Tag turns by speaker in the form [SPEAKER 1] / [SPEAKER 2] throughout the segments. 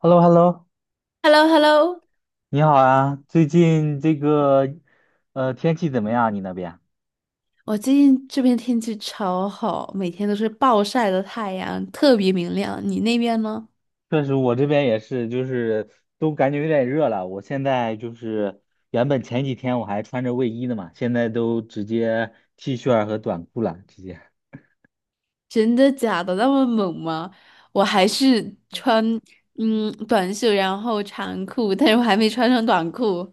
[SPEAKER 1] h e l l o h e l l o
[SPEAKER 2] hello hello
[SPEAKER 1] 你好啊！最近这个天气怎么样啊？你那边？
[SPEAKER 2] 我最近这边天气超好，每天都是暴晒的太阳，特别明亮。你那边呢？
[SPEAKER 1] 确实，我这边也是，就是都感觉有点热了。我现在就是原本前几天我还穿着卫衣的嘛，现在都直接 T 恤儿和短裤了，直接。
[SPEAKER 2] 真的假的？那么猛吗？我还是穿短袖，然后长裤，但是我还没穿上短裤。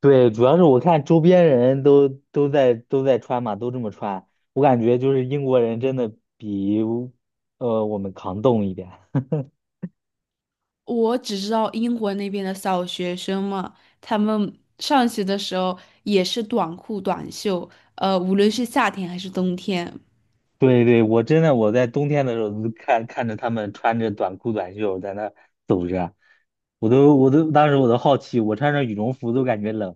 [SPEAKER 1] 对，主要是我看周边人都在穿嘛，都这么穿，我感觉就是英国人真的比我们抗冻一点。
[SPEAKER 2] 我只知道英国那边的小学生嘛，他们上学的时候也是短裤短袖，无论是夏天还是冬天。
[SPEAKER 1] 对对，我在冬天的时候就看着他们穿着短裤短袖在那走着，我都我都当时我都好奇，我穿着羽绒服都感觉冷。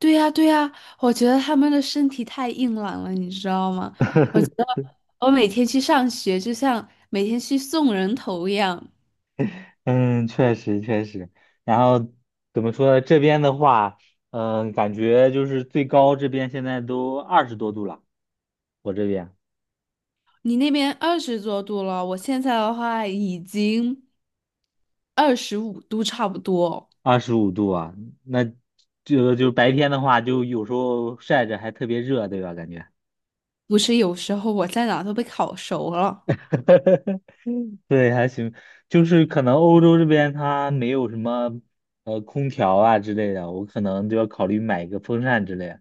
[SPEAKER 2] 对呀，对呀，我觉得他们的身体太硬朗了，你知道吗？我。我每天去上学，就像每天去送人头一样。
[SPEAKER 1] 嗯，确实确实。然后怎么说呢？这边的话，感觉就是最高这边现在都20多度了，我这边
[SPEAKER 2] 你那边20多度了，我现在的话已经25度差不多。
[SPEAKER 1] 25度啊。那这个就白天的话，就有时候晒着还特别热，对吧？感觉。
[SPEAKER 2] 不是，有时候我在哪都被烤熟了，
[SPEAKER 1] 对，还行，就是可能欧洲这边它没有什么空调啊之类的，我可能就要考虑买一个风扇之类的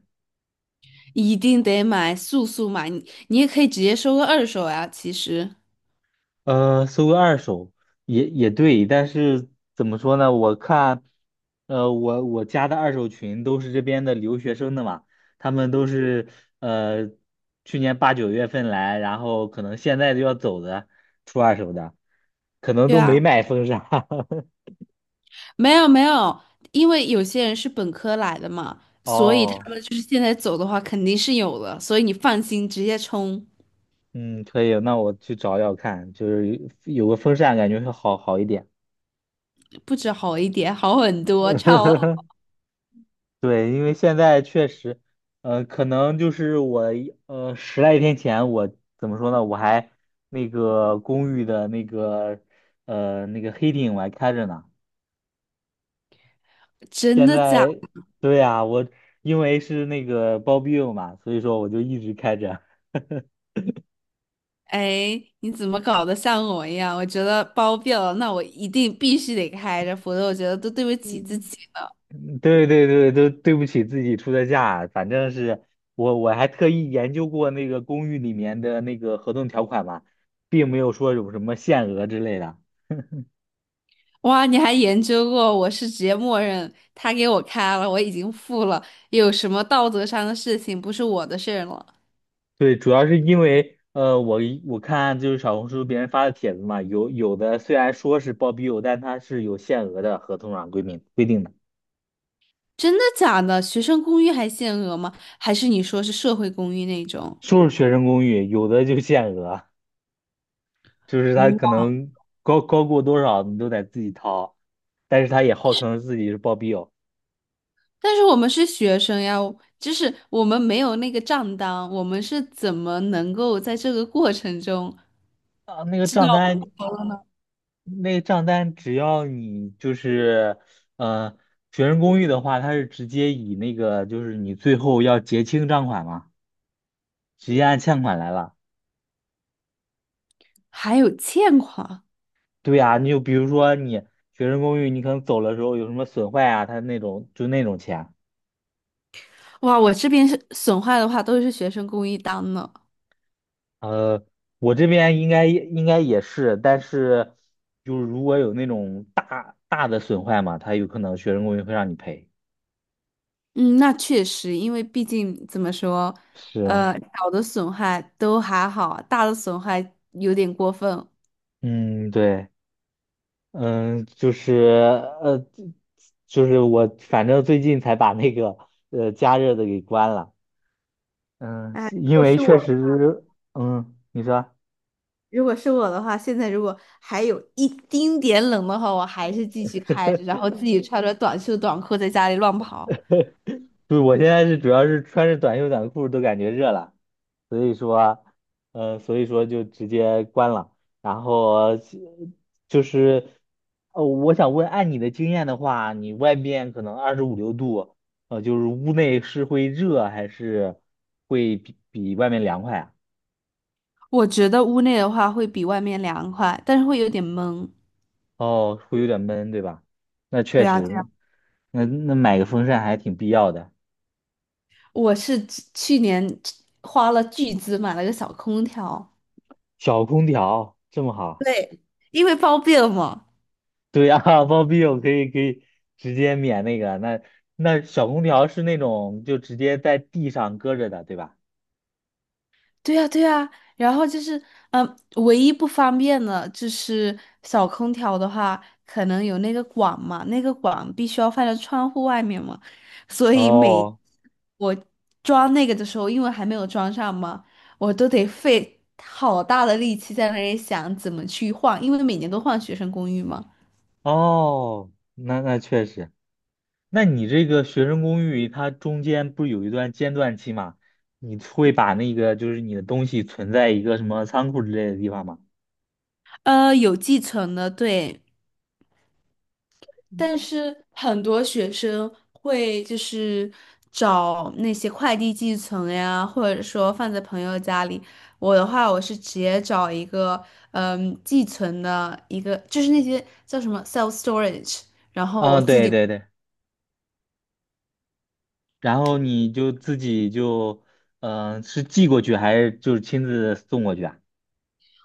[SPEAKER 2] 一定得买，速速买。你也可以直接收个二手呀，其实。
[SPEAKER 1] 搜个二手也对，但是怎么说呢？我看，我加的二手群都是这边的留学生的嘛，他们都是呃去年8、9月份来，然后可能现在就要走的，出二手的，可能
[SPEAKER 2] 对
[SPEAKER 1] 都没
[SPEAKER 2] 啊，
[SPEAKER 1] 买风扇。
[SPEAKER 2] 没有没有，因为有些人是本科来的嘛，所以他
[SPEAKER 1] 哦。
[SPEAKER 2] 们就是现在走的话肯定是有的，所以你放心，直接冲，
[SPEAKER 1] 嗯，可以，那我去找找看，就是有个风扇，感觉会好一点。
[SPEAKER 2] 不止好一点，好很多，超。
[SPEAKER 1] 对，因为现在确实，可能就是我10来天前，我怎么说呢？我还那个公寓的那个那个黑顶我还开着呢。
[SPEAKER 2] 真
[SPEAKER 1] 现
[SPEAKER 2] 的假？
[SPEAKER 1] 在，对呀，我因为是那个包庇嘛，所以说我就一直开着。
[SPEAKER 2] 哎，你怎么搞得像我一样？我觉得包庇了，那我一定必须得开着，否则我觉得都对不起自
[SPEAKER 1] 嗯，
[SPEAKER 2] 己了。
[SPEAKER 1] 对对对，都对不起自己出的价，反正是我还特意研究过那个公寓里面的那个合同条款嘛，并没有说有什么限额之类的。
[SPEAKER 2] 哇，你还研究过，我是直接默认他给我开了，我已经付了，有什么道德上的事情不是我的事儿了？
[SPEAKER 1] 对，主要是因为我看就是小红书别人发的帖子嘛，有的虽然说是包庇友，但它是有限额的，合同上规定的，
[SPEAKER 2] 真的假的？学生公寓还限额吗？还是你说是社会公寓那种？
[SPEAKER 1] 说是学生公寓，有的就限额，就是他可
[SPEAKER 2] 哇，
[SPEAKER 1] 能高过多少你都得自己掏，但是他也号称自己是包庇友。
[SPEAKER 2] 但是我们是学生呀，就是我们没有那个账单，我们是怎么能够在这个过程中？
[SPEAKER 1] 啊，那个账单只要你就是，呃，学生公寓的话，它是直接以那个就是你最后要结清账款嘛，直接按欠款来了。
[SPEAKER 2] 还有欠款，
[SPEAKER 1] 对呀，你就比如说你学生公寓，你可能走了时候有什么损坏啊，它那种就那种钱。
[SPEAKER 2] 哇！我这边是损坏的话，都是学生公益单呢。
[SPEAKER 1] 呃，我这边应该也是，但是就是如果有那种大大的损坏嘛，它有可能学生公寓会让你赔。
[SPEAKER 2] 嗯，那确实，因为毕竟怎么说，
[SPEAKER 1] 是，
[SPEAKER 2] 小的损害都还好，大的损害有点过分。
[SPEAKER 1] 嗯，对。嗯，就是呃，就是我反正最近才把那个加热的给关了。嗯，
[SPEAKER 2] 哎，
[SPEAKER 1] 因为确实，嗯，你说，
[SPEAKER 2] 如果是我的话，现在如果还有一丁点冷的话，我还是继续开着，然后自己穿着短袖短裤在家里乱跑。
[SPEAKER 1] 就是我现在是主要是穿着短袖短裤都感觉热了，所以说，所以说就直接关了。然后就是，我想问，按你的经验的话，你外面可能25、6度，就是屋内是会热还是会比外面凉快啊？
[SPEAKER 2] 我觉得屋内的话会比外面凉快，但是会有点闷。
[SPEAKER 1] 哦，会有点闷，对吧？那确
[SPEAKER 2] 对啊。对啊，
[SPEAKER 1] 实，那买个风扇还挺必要的，
[SPEAKER 2] 我是去年花了巨资买了个小空调，
[SPEAKER 1] 小空调这么好。
[SPEAKER 2] 对，因为方便嘛。
[SPEAKER 1] 对呀，包庇我可以直接免那个，那小空调是那种就直接在地上搁着的，对吧？
[SPEAKER 2] 对呀，对呀。然后就是，嗯，唯一不方便的就是小空调的话，可能有那个管嘛，那个管必须要放在窗户外面嘛，所以每
[SPEAKER 1] 哦
[SPEAKER 2] 我装那个的时候，因为还没有装上嘛，我都得费好大的力气在那里想怎么去换，因为每年都换学生公寓嘛。
[SPEAKER 1] 哦，那确实，那你这个学生公寓它中间不是有一段间断期吗？你会把那个就是你的东西存在一个什么仓库之类的地方吗？
[SPEAKER 2] 呃，有继承的，对，但是很多学生会就是找那些快递寄存呀，或者说放在朋友家里。我的话，我是直接找一个寄存的一个，就是那些叫什么 self storage，然后我
[SPEAKER 1] 嗯，
[SPEAKER 2] 自
[SPEAKER 1] 对
[SPEAKER 2] 己
[SPEAKER 1] 对对。然后你就自己就，是寄过去还是就是亲自送过去啊？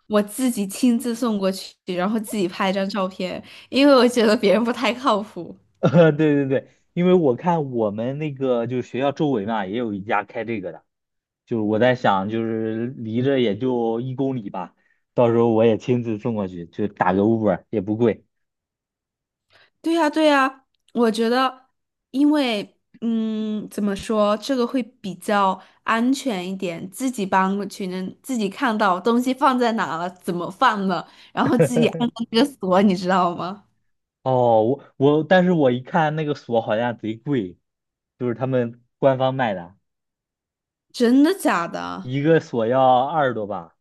[SPEAKER 2] 我自己亲自送过去，然后自己拍一张照片，因为我觉得别人不太靠谱。
[SPEAKER 1] 对对对，因为我看我们那个就是学校周围嘛，也有一家开这个的，就是我在想，就是离着也就1公里吧，到时候我也亲自送过去，就打个 Uber 也不贵。
[SPEAKER 2] 对呀，对呀，我觉得，因为，嗯，怎么说，这个会比较安全一点，自己搬过去能自己看到东西放在哪了，怎么放的，然后自己按照这个锁，你知道吗？
[SPEAKER 1] 哦，但是我一看那个锁好像贼贵，就是他们官方卖的，
[SPEAKER 2] 真的假的？
[SPEAKER 1] 一个锁要二十多吧。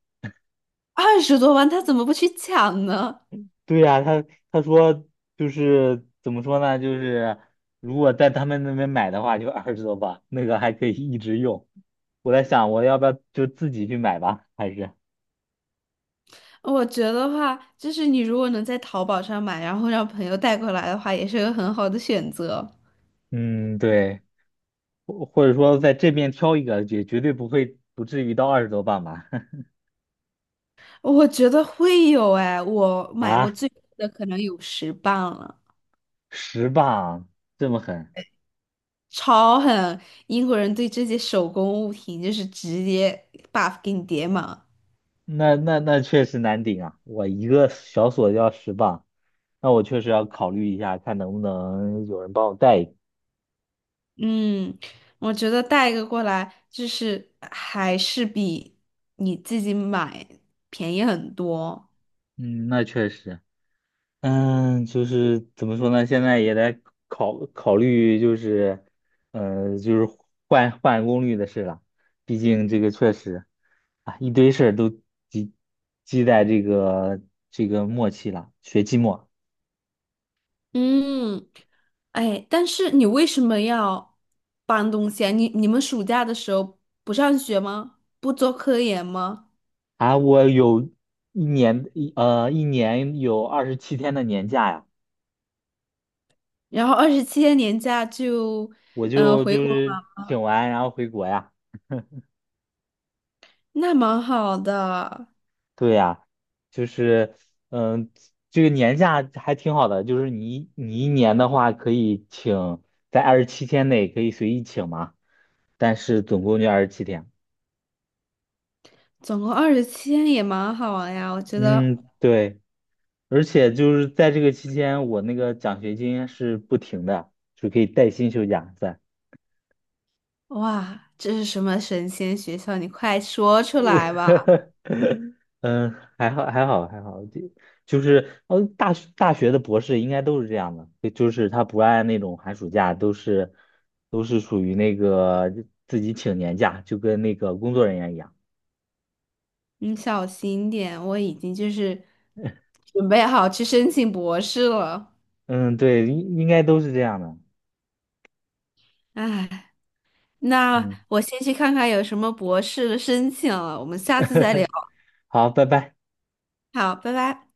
[SPEAKER 2] 20多万，他怎么不去抢呢？
[SPEAKER 1] 对呀、他说就是怎么说呢？就是如果在他们那边买的话，就二十多磅，那个还可以一直用。我在想，我要不要就自己去买吧？还是
[SPEAKER 2] 我觉得话，就是你如果能在淘宝上买，然后让朋友带过来的话，也是个很好的选择。
[SPEAKER 1] 嗯，对，或者说在这边挑一个，绝对不会不至于到二十多磅吧？
[SPEAKER 2] 我觉得会有，哎，我买过
[SPEAKER 1] 啊，
[SPEAKER 2] 最贵的可能有10磅了。
[SPEAKER 1] 10磅这么狠？
[SPEAKER 2] 超狠！英国人对这些手工物品就是直接 buff 给你叠满。
[SPEAKER 1] 那确实难顶啊！我一个小锁要十磅，那我确实要考虑一下，看能不能有人帮我带一个。
[SPEAKER 2] 嗯，我觉得带一个过来，就是还是比你自己买便宜很多。
[SPEAKER 1] 嗯，那确实。就是怎么说呢？现在也在考虑，就是，就是换功率的事了。毕竟这个确实啊，一堆事儿都积积在这个末期了，学期末
[SPEAKER 2] 嗯，哎，但是你为什么要搬东西啊？你们暑假的时候不上学吗？不做科研吗？
[SPEAKER 1] 啊，我有一年有二十七天的年假呀，
[SPEAKER 2] 然后二十七天年假就，
[SPEAKER 1] 我就请完然后回国呀。
[SPEAKER 2] 那蛮好的，
[SPEAKER 1] 对呀，就是，嗯，这个年假还挺好的，就是你一年的话可以请，在二十七天内可以随意请嘛，但是总共就二十七天。
[SPEAKER 2] 总共二十七天也蛮好呀，我觉得。
[SPEAKER 1] 嗯，对，而且就是在这个期间，我那个奖学金是不停的，就可以带薪休假在。
[SPEAKER 2] 哇，这是什么神仙学校？你快说出来吧！
[SPEAKER 1] 嗯，还好，还好，还好，就是大学的博士应该都是这样的，就是他不按那种寒暑假，都是属于那个自己请年假，就跟那个工作人员一样。
[SPEAKER 2] 你小心点，我已经就是准备好去申请博士了。
[SPEAKER 1] 嗯，对，应该都是这样的。
[SPEAKER 2] 唉，那
[SPEAKER 1] 嗯，
[SPEAKER 2] 我先去看看有什么博士的申请了，我们下次再聊。
[SPEAKER 1] 好，拜拜。
[SPEAKER 2] 好，拜拜。